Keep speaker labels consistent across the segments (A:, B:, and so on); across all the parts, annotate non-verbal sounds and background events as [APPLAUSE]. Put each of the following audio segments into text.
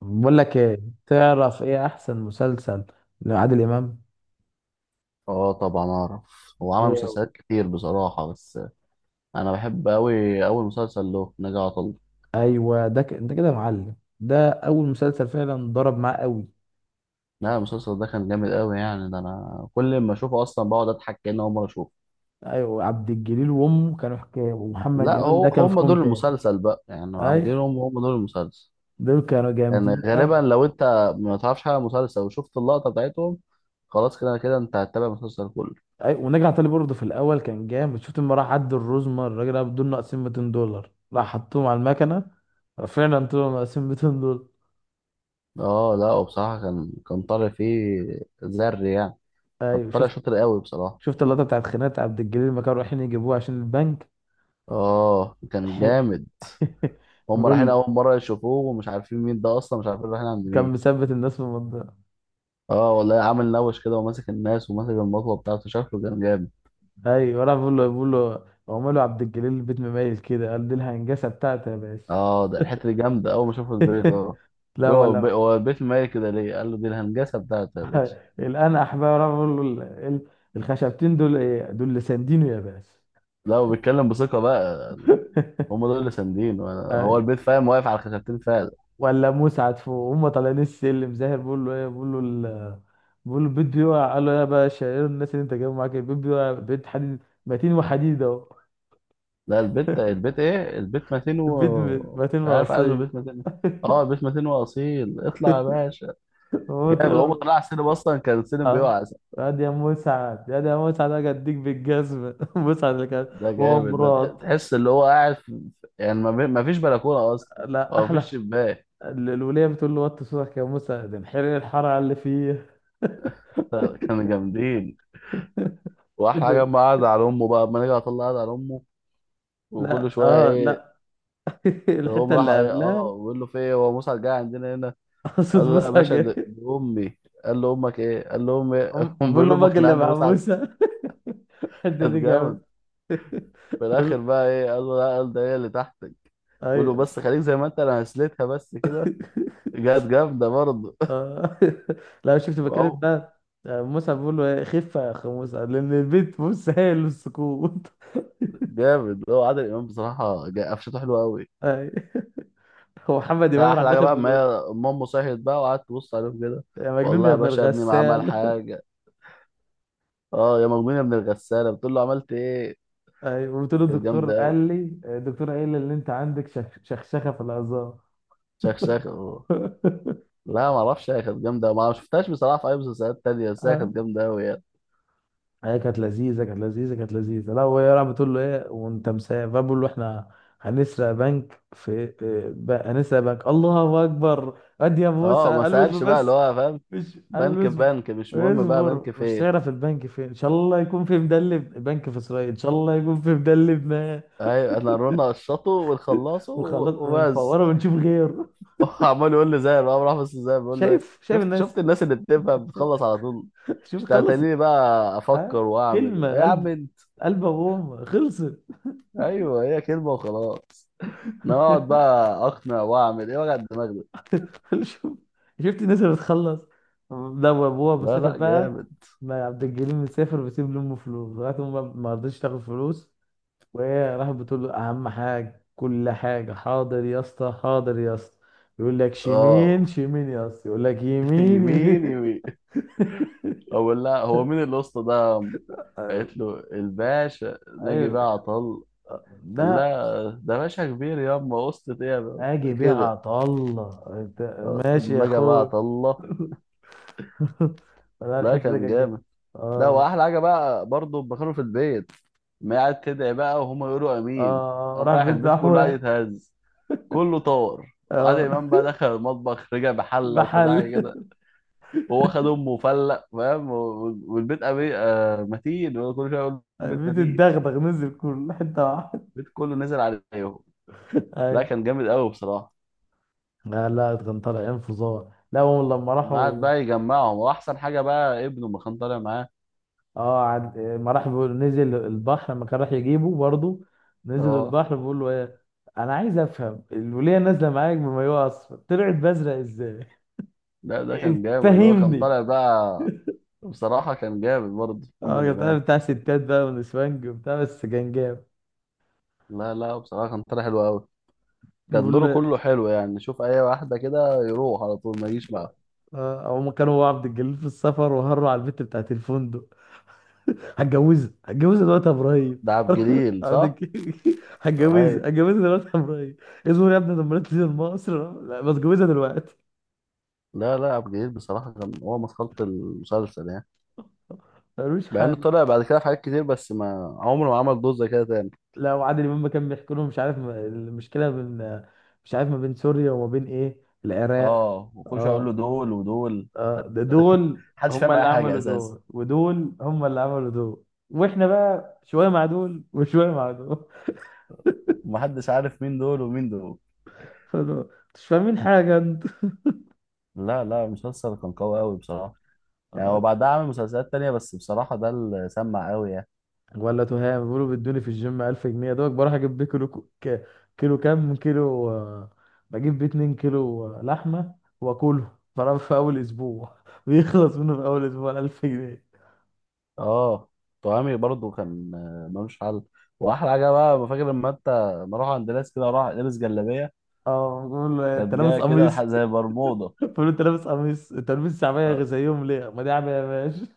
A: بقول لك ايه، تعرف ايه احسن مسلسل لعادل امام؟
B: اه، طبعا اعرف. هو عمل
A: إيه.
B: مسلسلات كتير بصراحة، بس انا بحب اوي اول مسلسل له، نجا عطل.
A: ايوه، ده انت كده يا معلم، ده اول مسلسل فعلا ضرب معاه قوي.
B: لا، المسلسل ده كان جامد اوي يعني، ده انا كل ما اشوفه اصلا بقعد اضحك كأني اول مرة اشوفه.
A: ايوه، عبد الجليل وامه كانوا حكايه، ومحمد
B: لا،
A: امام
B: هو
A: ده كان في
B: هم
A: كوم
B: دول
A: تاني.
B: المسلسل بقى يعني.
A: ايوه،
B: غيرهم، هم دول المسلسل.
A: دول كانوا
B: يعني
A: جامدين
B: غالبا
A: قوي.
B: لو انت ما تعرفش حاجة عن المسلسل وشفت اللقطة بتاعتهم، خلاص كده كده انت هتتابع المسلسل كله.
A: ايوه، ونجع علي برضه في الاول كان جامد. شفت لما راح عد الرزمه الراجل ده بدول ناقصين 200 دولار راح حطهم على المكنه. فعلا طلعوا ناقصين 200 دولار.
B: اه لا، وبصراحة كان طالع فيه زر يعني. كان
A: ايوه
B: طالع
A: شفت.
B: شاطر اوي بصراحة.
A: شفت اللقطه بتاعت خناقه عبد الجليل لما كانوا رايحين يجيبوه عشان البنك.
B: اه، كان جامد.
A: [LAUGHS]
B: هم رايحين
A: بيقول
B: اول مره يشوفوه ومش عارفين مين ده اصلا، مش عارفين رايحين عند
A: كان
B: مين.
A: مثبت الناس في المنطقة.
B: اه والله، عامل نوش كده وماسك الناس وماسك المطوه بتاعته، شكله كان جامد.
A: ايوه، انا بقول له عمله عبد الجليل البيت مميز كده، قال دي الهنجسة بتاعته يا باشا.
B: اه، ده الحته دي جامده، اول ما شافوا البيت. اه،
A: [LAUGHS] لا
B: بيقول
A: ولا.
B: هو البيت مالي كده ليه؟ قال له دي الهنجسه بتاعته يا باشا.
A: [LAUGHS] الان احباب انا بقول له ال- الخشبتين دول ايه دول اللي ساندينه يا باشا؟
B: لا، وبيتكلم بثقه بقى يعني. هم
A: [LAUGHS]
B: دول اللي ساندين. هو
A: أيوة.
B: البيت فاهم، واقف على خشبتين فعلا.
A: ولا مسعد فوق هم طالعين السلم، زاهر بيقول له ايه، بيقول له البيت بيقع. قال له يا باشا ايه الناس اللي انت جايبهم معاك؟ البيت بيقع. بيت حديد متين وحديد اهو.
B: لا البيت البيت ايه؟ البيت
A: [LAUGHS]
B: متين
A: البيت
B: و
A: متين
B: مش عارف، قال له
A: وقصير.
B: البيت متين.
A: [LAUGHS]
B: اه، البيت متين واصيل، اطلع يا باشا.
A: هو
B: جامد.
A: طلع.
B: هو طلع على السينما اصلا، كان السينما
A: اه
B: بيقع.
A: قال يا مسعد، يا ده يا مسعد، اجي اديك بالجزمه. [LAUGHS] مسعد اللي كان
B: ده
A: هو
B: جامد،
A: مراد.
B: تحس اللي هو قاعد في... يعني ما فيش بلكونه اصلا،
A: لا
B: او ما فيش
A: احلى
B: شباك.
A: الوليه بتقول له وطي صوتك يا مسعد، انحرق الحراره اللي فيه.
B: [LAUGHS] كانوا جامدين.
A: [LAUGHS]
B: واحلى حاجه
A: ده-
B: اما قعد على امه بقى، اما نيجي اطلع قعد على امه وكل
A: لا
B: شويه
A: اه
B: ايه،
A: لا. [LAUGHS]
B: تقوم
A: الحته
B: راح
A: اللي
B: ايه،
A: قبلها.
B: اه بيقول له في ايه، هو موسى جاي عندنا هنا؟
A: [LAUGHS] صوت
B: قال له لا يا
A: موسى
B: باشا،
A: جاي.
B: دي امي. قال له امك ايه؟ قال له امي إيه؟
A: أم-
B: [LAUGHS] قام
A: بقول
B: بيقول
A: له
B: له امك
A: امك
B: اللي
A: اللي
B: عند
A: مع
B: مسعد.
A: موسى. [LAUGHS] الحته دي
B: كانت جامد.
A: جامد. [LAUGHS]
B: في
A: بقول-
B: الاخر بقى ايه، قال له لا، قال ده هي اللي تحتك. بيقول له
A: ايوه.
B: بس خليك زي ما انت، انا هسلتها بس كده. جت جامده برضه.
A: آه. [LAUGHS] لا شفت بكلم
B: [LAUGHS]
A: ده. آه، موسى بيقول له إيه، خف يا اخ موسى لان البيت بص هايل السكوت. [LAUGHS]
B: جامد. هو عادل امام بصراحه، قفشته حلوه قوي.
A: أي. هو محمد امام راح
B: احلى حاجه
A: داخل
B: بقى،
A: من
B: ما
A: النص.
B: هي امه صحيت بقى وقعدت تبص عليهم كده.
A: يا مجنون
B: والله
A: يا
B: يا
A: ابن
B: باشا ابني ما عمل
A: الغسال.
B: حاجه. اه، يا مجنون يا ابن الغساله، بتقول له عملت ايه؟
A: [LAUGHS] أي. وقلت
B: دي
A: له
B: كانت
A: الدكتور
B: جامده قوي.
A: قال لي، الدكتور قال لي ان انت عندك شخشخه في العظام.
B: شخشخ أوه. لا، ما اعرفش. هي كانت جامده أوي. ما شفتهاش بصراحه في اي مسلسلات تانية، بس هي كانت
A: [LAUGHS]
B: جامده قوي يعني.
A: هي كانت لذيذة، كانت لذيذة. لا وهي راح بتقول له ايه وانت مسافر، فبقول له احنا هنسرق بنك في إيه، هنسرق بنك. الله اكبر ادي يا موسى،
B: اه، ما
A: قال له اصبر
B: سالش بقى اللي
A: بس.
B: هو فاهم،
A: مش قال له
B: بنك
A: اصبر.
B: بنك مش مهم، بقى
A: اصبر،
B: بنك
A: مش
B: فين.
A: تعرف البنك فين، ان شاء الله يكون في مدلب، البنك في اسرائيل، ان شاء الله يكون في مدلب ما.
B: ايوه، انا رونا قشطه ونخلصه
A: وخلاص
B: وبس.
A: ونفوره ونشوف غيره.
B: [LAUGHS] عمال يقول لي زي بقى، راح بس زي بيقول له ايه؟
A: شايف، شايف
B: شفت،
A: الناس.
B: شفت الناس اللي بتفهم بتخلص على طول؟
A: [LAUGHS] شوف
B: مش
A: خلصت.
B: تتنيني بقى افكر
A: ها
B: واعمل ايه
A: كلمة
B: يا عم
A: قلب.
B: انت.
A: قلب ابوهم خلصت.
B: ايوه، هي كلمه وخلاص. انا اقعد بقى اقنع واعمل ايه، وجع الدماغ ده.
A: [LAUGHS] شوف- شفت الناس اللي بتخلص. ده وابوها
B: لا
A: مسافر
B: لا،
A: بقى.
B: جامد.
A: ما عبد الجليل مسافر وبيسيب لامه فلوس لغايه ما رضيتش تاخد فلوس. وهي راحت بتقول له اهم حاجه، كل حاجه حاضر يا اسطى، حاضر يا اسطى. يقول لك
B: اه.
A: شمين شمين يا اسطى، يقول لك
B: [LAUGHS]
A: يمين
B: يمين
A: يمين.
B: يمين. اقول لها هو مين الاسطى ده؟ قالت
A: [LAUGHS]
B: له الباشا ناجي
A: ايوه.
B: بقى عطل. قال
A: ده
B: لها ده باشا كبير ياما اسطى ايه يا بابا؟
A: اجي بيع
B: كده.
A: الله
B: آه،
A: ماشي يا
B: ناجي بقى
A: اخوي.
B: عطله.
A: [LAUGHS] لا
B: لا،
A: الحته دي
B: كان
A: كانت جامدة.
B: جامد. ده
A: اه لا.
B: واحلى حاجه بقى برضه لما كانوا في البيت، ما قاعد تدعي بقى وهم يقولوا
A: اه،
B: امين،
A: آه،
B: قام
A: راح
B: رايح
A: بيت
B: البيت كله قاعد
A: دعوه.
B: يتهز. كله طار. عادل
A: اه
B: امام بقى دخل المطبخ، رجع بحله وكذا
A: محل.
B: حاجه كده، وهو خد امه وفلق فاهم والبيت آه، متين. هو كل شويه يقول البيت متين.
A: بتتدغدغ نزل كل حته واحده.
B: البيت كله نزل عليهم.
A: اي.
B: لا، كان جامد قوي بصراحه.
A: لا لا كان طالع انفجار. لا هم لما
B: قعد
A: راحوا.
B: بقى يجمعهم، واحسن حاجه بقى ابنه ما كان طالع معاه.
A: اه ما راح بيقول نزل البحر لما كان راح يجيبه برضه، نزل
B: اه،
A: البحر بيقول له ايه، انا عايز افهم الوليه نازله معاك بمايوه اصفر طلعت بازرق ازاي؟
B: ده كان
A: [LAUGHS]
B: جامد. هو كان
A: فهمني.
B: طالع بقى. بصراحه كان جامد برضه
A: اه
B: محمد
A: كان بتاع
B: امام.
A: بتاع ستات بقى ونسوانج وبتاع، بس كان جامد.
B: لا لا، بصراحة كان طالع حلو قوي. كان
A: بيقول
B: دوره
A: له،
B: كله حلو يعني، شوف اي واحدة كده يروح على طول ما يجيش معاه.
A: اه هم كانوا هو وعبد الجليل في السفر وهروا على البت بتاعت الفندق. هتجوزها دلوقتي يا ابراهيم.
B: ده عبد
A: [LAUGHS]
B: الجليل
A: عبد
B: صح؟
A: الك-
B: اي.
A: هتجوزها هتجوزها دلوقتي يا ابراهيم. اصبر يا ابني لما تنزل مصر، لا بس اتجوزها دلوقتي.
B: لا لا، عبد الجليل بصراحة كان هو مسخرة المسلسل يعني.
A: ملوش
B: مع انه
A: حل.
B: طلع بعد كده في حاجات كتير، بس ما عمره ما عمل دور زي كده تاني.
A: لا وعادل امام كان بيحكي لهم مش عارف المشكله بين، مش عارف ما بين سوريا وما بين ايه العراق.
B: اه، وخش اقول له
A: اه.
B: دول ودول.
A: اه ده دول.
B: محدش
A: هم
B: فاهم اي
A: اللي
B: حاجة
A: عملوا
B: اساسا.
A: دول ودول، هم اللي عملوا دول. واحنا بقى شويه مع دول وشويه مع دول.
B: ومحدش عارف مين دول ومين دول.
A: [LAUGHS] مش فاهمين حاجه انت.
B: لا لا، المسلسل كان قوي قوي بصراحة. يعني هو بعدها عمل مسلسلات تانية، بس بصراحة ده اللي سمع قوي يعني.
A: ولا تهام بيقولوا بيدوني في الجيم 1000 جنيه، دوك بروح اجيب بيه كيلو كيلو، كام كيلو آه، بجيب بيه 2 كيلو آه، لحمه. واكله طبعا في اول اسبوع. [LAUGHS] بيخلص منه في اول اسبوع 1000 جنيه.
B: اه. طعامي برضو كان آه، ملوش حل. واحلى حاجه بقى، فاكر لما انت ما اروح عند ناس كده اروح لابس جلابيه؟
A: اه بقول له انت
B: كانت
A: لابس
B: جايه كده
A: قميص.
B: زي برمودا.
A: [LAUGHS] بقول له انت لابس قميص، انت لابس
B: آه.
A: شعبيه زيهم ليه؟ ما دي عبيه يا باشا.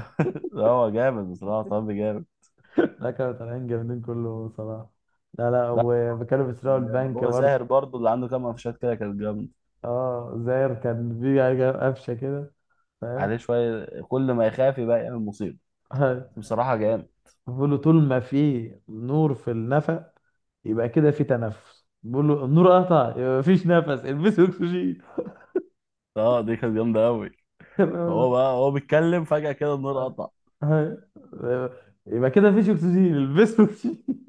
B: [LAUGHS] لا، هو جامد بصراحه. طعامي جامد.
A: [LAUGHS] لا كانوا طالعين جامدين كله صراحه. لا لا
B: لا،
A: وكانوا
B: كله
A: بيسرقوا
B: كان جامد.
A: البنك
B: هو
A: برضه.
B: زاهر برضو اللي عنده كام قفشات كده، كانت جامد.
A: اه زاير كان في حاجة قفشه كده. فاهم.
B: عليه شويه، كل ما يخاف يبقى يعمل مصيبه.
A: [LAUGHS]
B: بصراحه جامد.
A: بقول له طول ما في نور في النفق يبقى كده في تنفس، بقول له النور قطع يبقى مفيش نفس، البسوا اكسجين.
B: اه، دي كانت جامده قوي.
A: [LAUGHS] تمام
B: هو
A: ولا؟
B: بقى، هو بيتكلم فجاه كده النور
A: لا؟
B: قطع.
A: أيوة. يبقى كده مفيش اكسجين، البسوا اكسجين.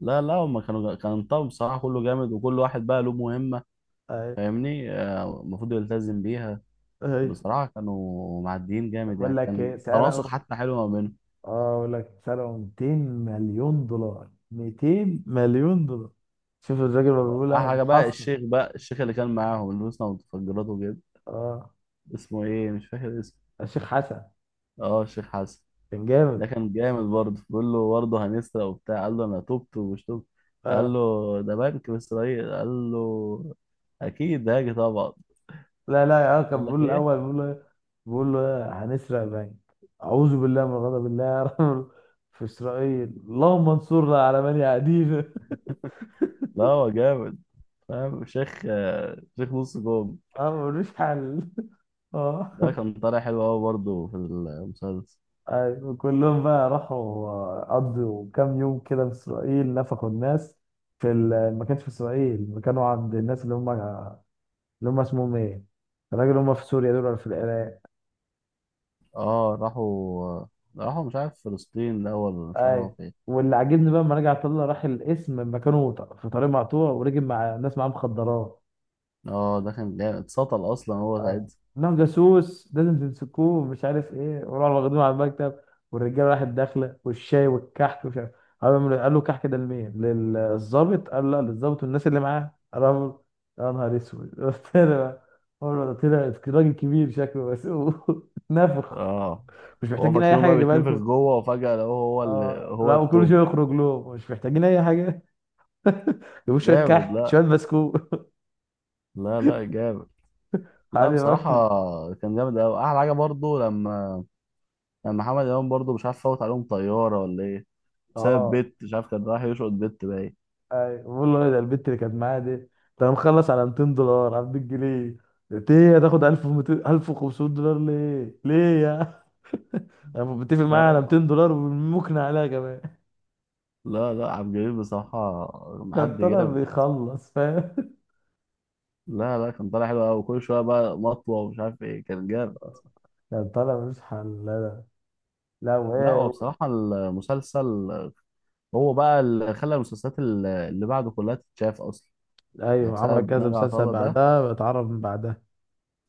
B: لا لا، هما كانوا، كان الطقم بصراحه كله جامد، وكل واحد بقى له مهمه.
A: [LAUGHS] أيوة.
B: فاهمني؟ آه، المفروض يلتزم بيها.
A: أيوة.
B: بصراحة كانوا معديين جامد
A: بقول
B: يعني،
A: لك
B: كان
A: ايه
B: تناسق
A: سرقوا،
B: حتى حلو ما بينهم.
A: اه بقول لك سرقوا 200 مليون دولار، 200 مليون دولار. شوف الراجل ما
B: أحلى
A: بيقولها
B: حاجة بقى
A: متحصن.
B: الشيخ، بقى الشيخ اللي كان معاهم اللي لبسنا متفجرات وكده.
A: اه
B: اسمه إيه؟ مش فاكر اسمه.
A: الشيخ حسن
B: أه، الشيخ حسن.
A: كان
B: ده
A: جامد.
B: كان جامد برضه، بيقول له برضه هنسرق وبتاع، قال له أنا تبت ومش تبت. قال له
A: اه
B: ده بنك في إسرائيل. قال له أكيد هاجي طبعا.
A: لا لا يا كان
B: يقول لك
A: بيقول الاول،
B: إيه.
A: بيقول له إيه؟ بيقول له إيه؟ هنسرق بنك. اعوذ بالله من غضب الله يا رب، في اسرائيل اللهم انصرنا على من يعادينا.
B: لا، هو جامد. فاهم شيخ، آه، شيخ نص جوم.
A: [LAUGHS] اه ملوش حل. [LAUGHS] اه.
B: ده كان طالع حلو أوي برضه في المسلسل.
A: أيوة، كلهم بقى راحوا قضوا كام يوم كده في اسرائيل نفخوا الناس. ما كانش في اسرائيل، ما كانوا عند الناس اللي هم اللي، هم اسمهم ايه؟ الراجل اللي هم في سوريا دول ولا في العراق؟
B: اه راحوا، راحوا مش عارف فلسطين الأول ولا مش عارف
A: اي.
B: راحوا فين.
A: واللي عاجبني بقى لما رجع طلع راح القسم مكانه في طريق مقطوع، ورجب مع ناس معاه مخدرات.
B: اه، ده كان جامد. اتسطل أصلا هو
A: اه.
B: ساعتها.
A: انهم جاسوس لازم تمسكوه مش عارف ايه، وراحوا واخدينه على المكتب. والرجاله راحت داخله والشاي والكحك ومش عارف. قال له الكحك ده لمين؟ للظابط. قال لا، للظابط والناس اللي معاه. قال يا نهار اسود. [LAUGHS] قلت له بقى، قال له ده طلع راجل كبير شكله بس. [LAUGHS] نافخ.
B: اه.
A: مش
B: هو
A: محتاجين اي
B: فاكرينه
A: حاجه
B: بقى
A: اجيبها
B: بيتنفخ
A: لكم.
B: جوه، وفجأة لقوه هو اللي
A: اه
B: هو
A: لا وكل
B: التوب.
A: شويه يخرج لهم مش محتاجين اي حاجه. [LAUGHS] جابوا شويه
B: جامد.
A: كحك
B: لا
A: شويه بسكوت.
B: لا لا، جامد.
A: [LAUGHS]
B: لا
A: عادي
B: بصراحة، كان جامد أوي. أحلى حاجة برضو لما، لما محمد إمام برضو مش عارف فوت عليهم طيارة ولا إيه، بسبب
A: اه
B: بت، مش عارف كان رايح يشقط بت باين.
A: اي بقول له ده البت اللي كانت معايا دي ده. انا مخلص على 200 دولار على 200 جنيه. قلت ايه هتاخد 1200 1500 دولار ليه ليه يا، انا متفق معايا على
B: لا
A: 200 دولار وممكن عليها كمان.
B: لا لا، عبد الجليل بصراحة
A: [LAUGHS] كان
B: معدي
A: طالع
B: جامد.
A: بيخلص فاهم.
B: لا لا، كان طالع حلو أوي. كل شوية بقى مطوة ومش عارف إيه، كان جامد.
A: كان طالع مش حل. لا لا
B: لا،
A: وايه
B: هو بصراحة المسلسل، هو بقى اللي خلى المسلسلات اللي بعده كلها تتشاف أصلا. يعني
A: ايوه عمل
B: بسبب
A: كذا
B: نجا
A: مسلسل
B: عطلة ده.
A: بعدها، اتعرف من بعدها.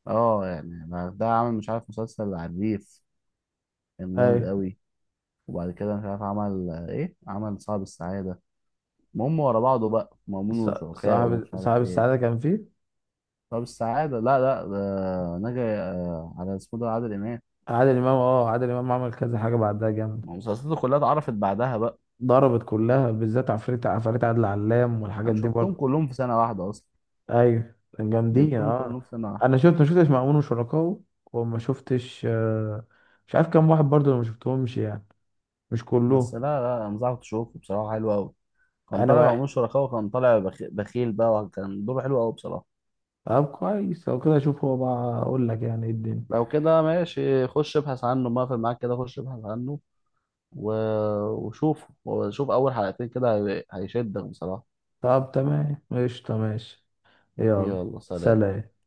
B: اه يعني ده عمل مش عارف مسلسل على الريف، كان جامد
A: ايوه
B: قوي. وبعد كده مش عارف عمل ايه، عمل صعب السعادة. المهم ورا بعضه بقى، مأمون
A: ص-
B: وشركائه
A: صاحب
B: ومش عارف
A: صاحب
B: ايه.
A: السعاده كان فيه
B: صعب السعادة، لا لا، ده نجا. آه، على اسمه، ده عادل إمام.
A: عادل امام. اه عادل امام عمل كذا حاجه بعدها جامد.
B: ما مسلسلاته كلها اتعرفت بعدها بقى.
A: ضربت كلها، بالذات عفريت عفاريت عادل علام والحاجات
B: أنا
A: دي
B: شفتهم
A: برضه.
B: كلهم في سنة واحدة أصلا.
A: ايوه كان جامدين
B: جبتهم
A: اه.
B: كلهم في سنة واحدة.
A: انا شفت ما شفتش مأمون وشركاه، وما شفتش آه، مش عارف كام واحد برضه انا ما شفتهمش يعني، مش
B: بس لا
A: كلهم.
B: لا، أنصحك تشوفه بصراحة، حلو أوي. كان
A: انا
B: طالع
A: واحد.
B: معمول شركاء، وكان طالع بخيل بقى، وكان دوره حلو قوي بصراحة.
A: طب كويس لو كده اشوف هو، بقى اقول لك يعني ايه الدنيا.
B: لو كده ماشي، خش ابحث عنه، ما في معاك كده خش ابحث عنه و... وشوف، وشوف أول حلقتين كده هيشدك بصراحة.
A: طب تمام قشطة ماشي. يلا
B: يلا سلام.
A: سلام.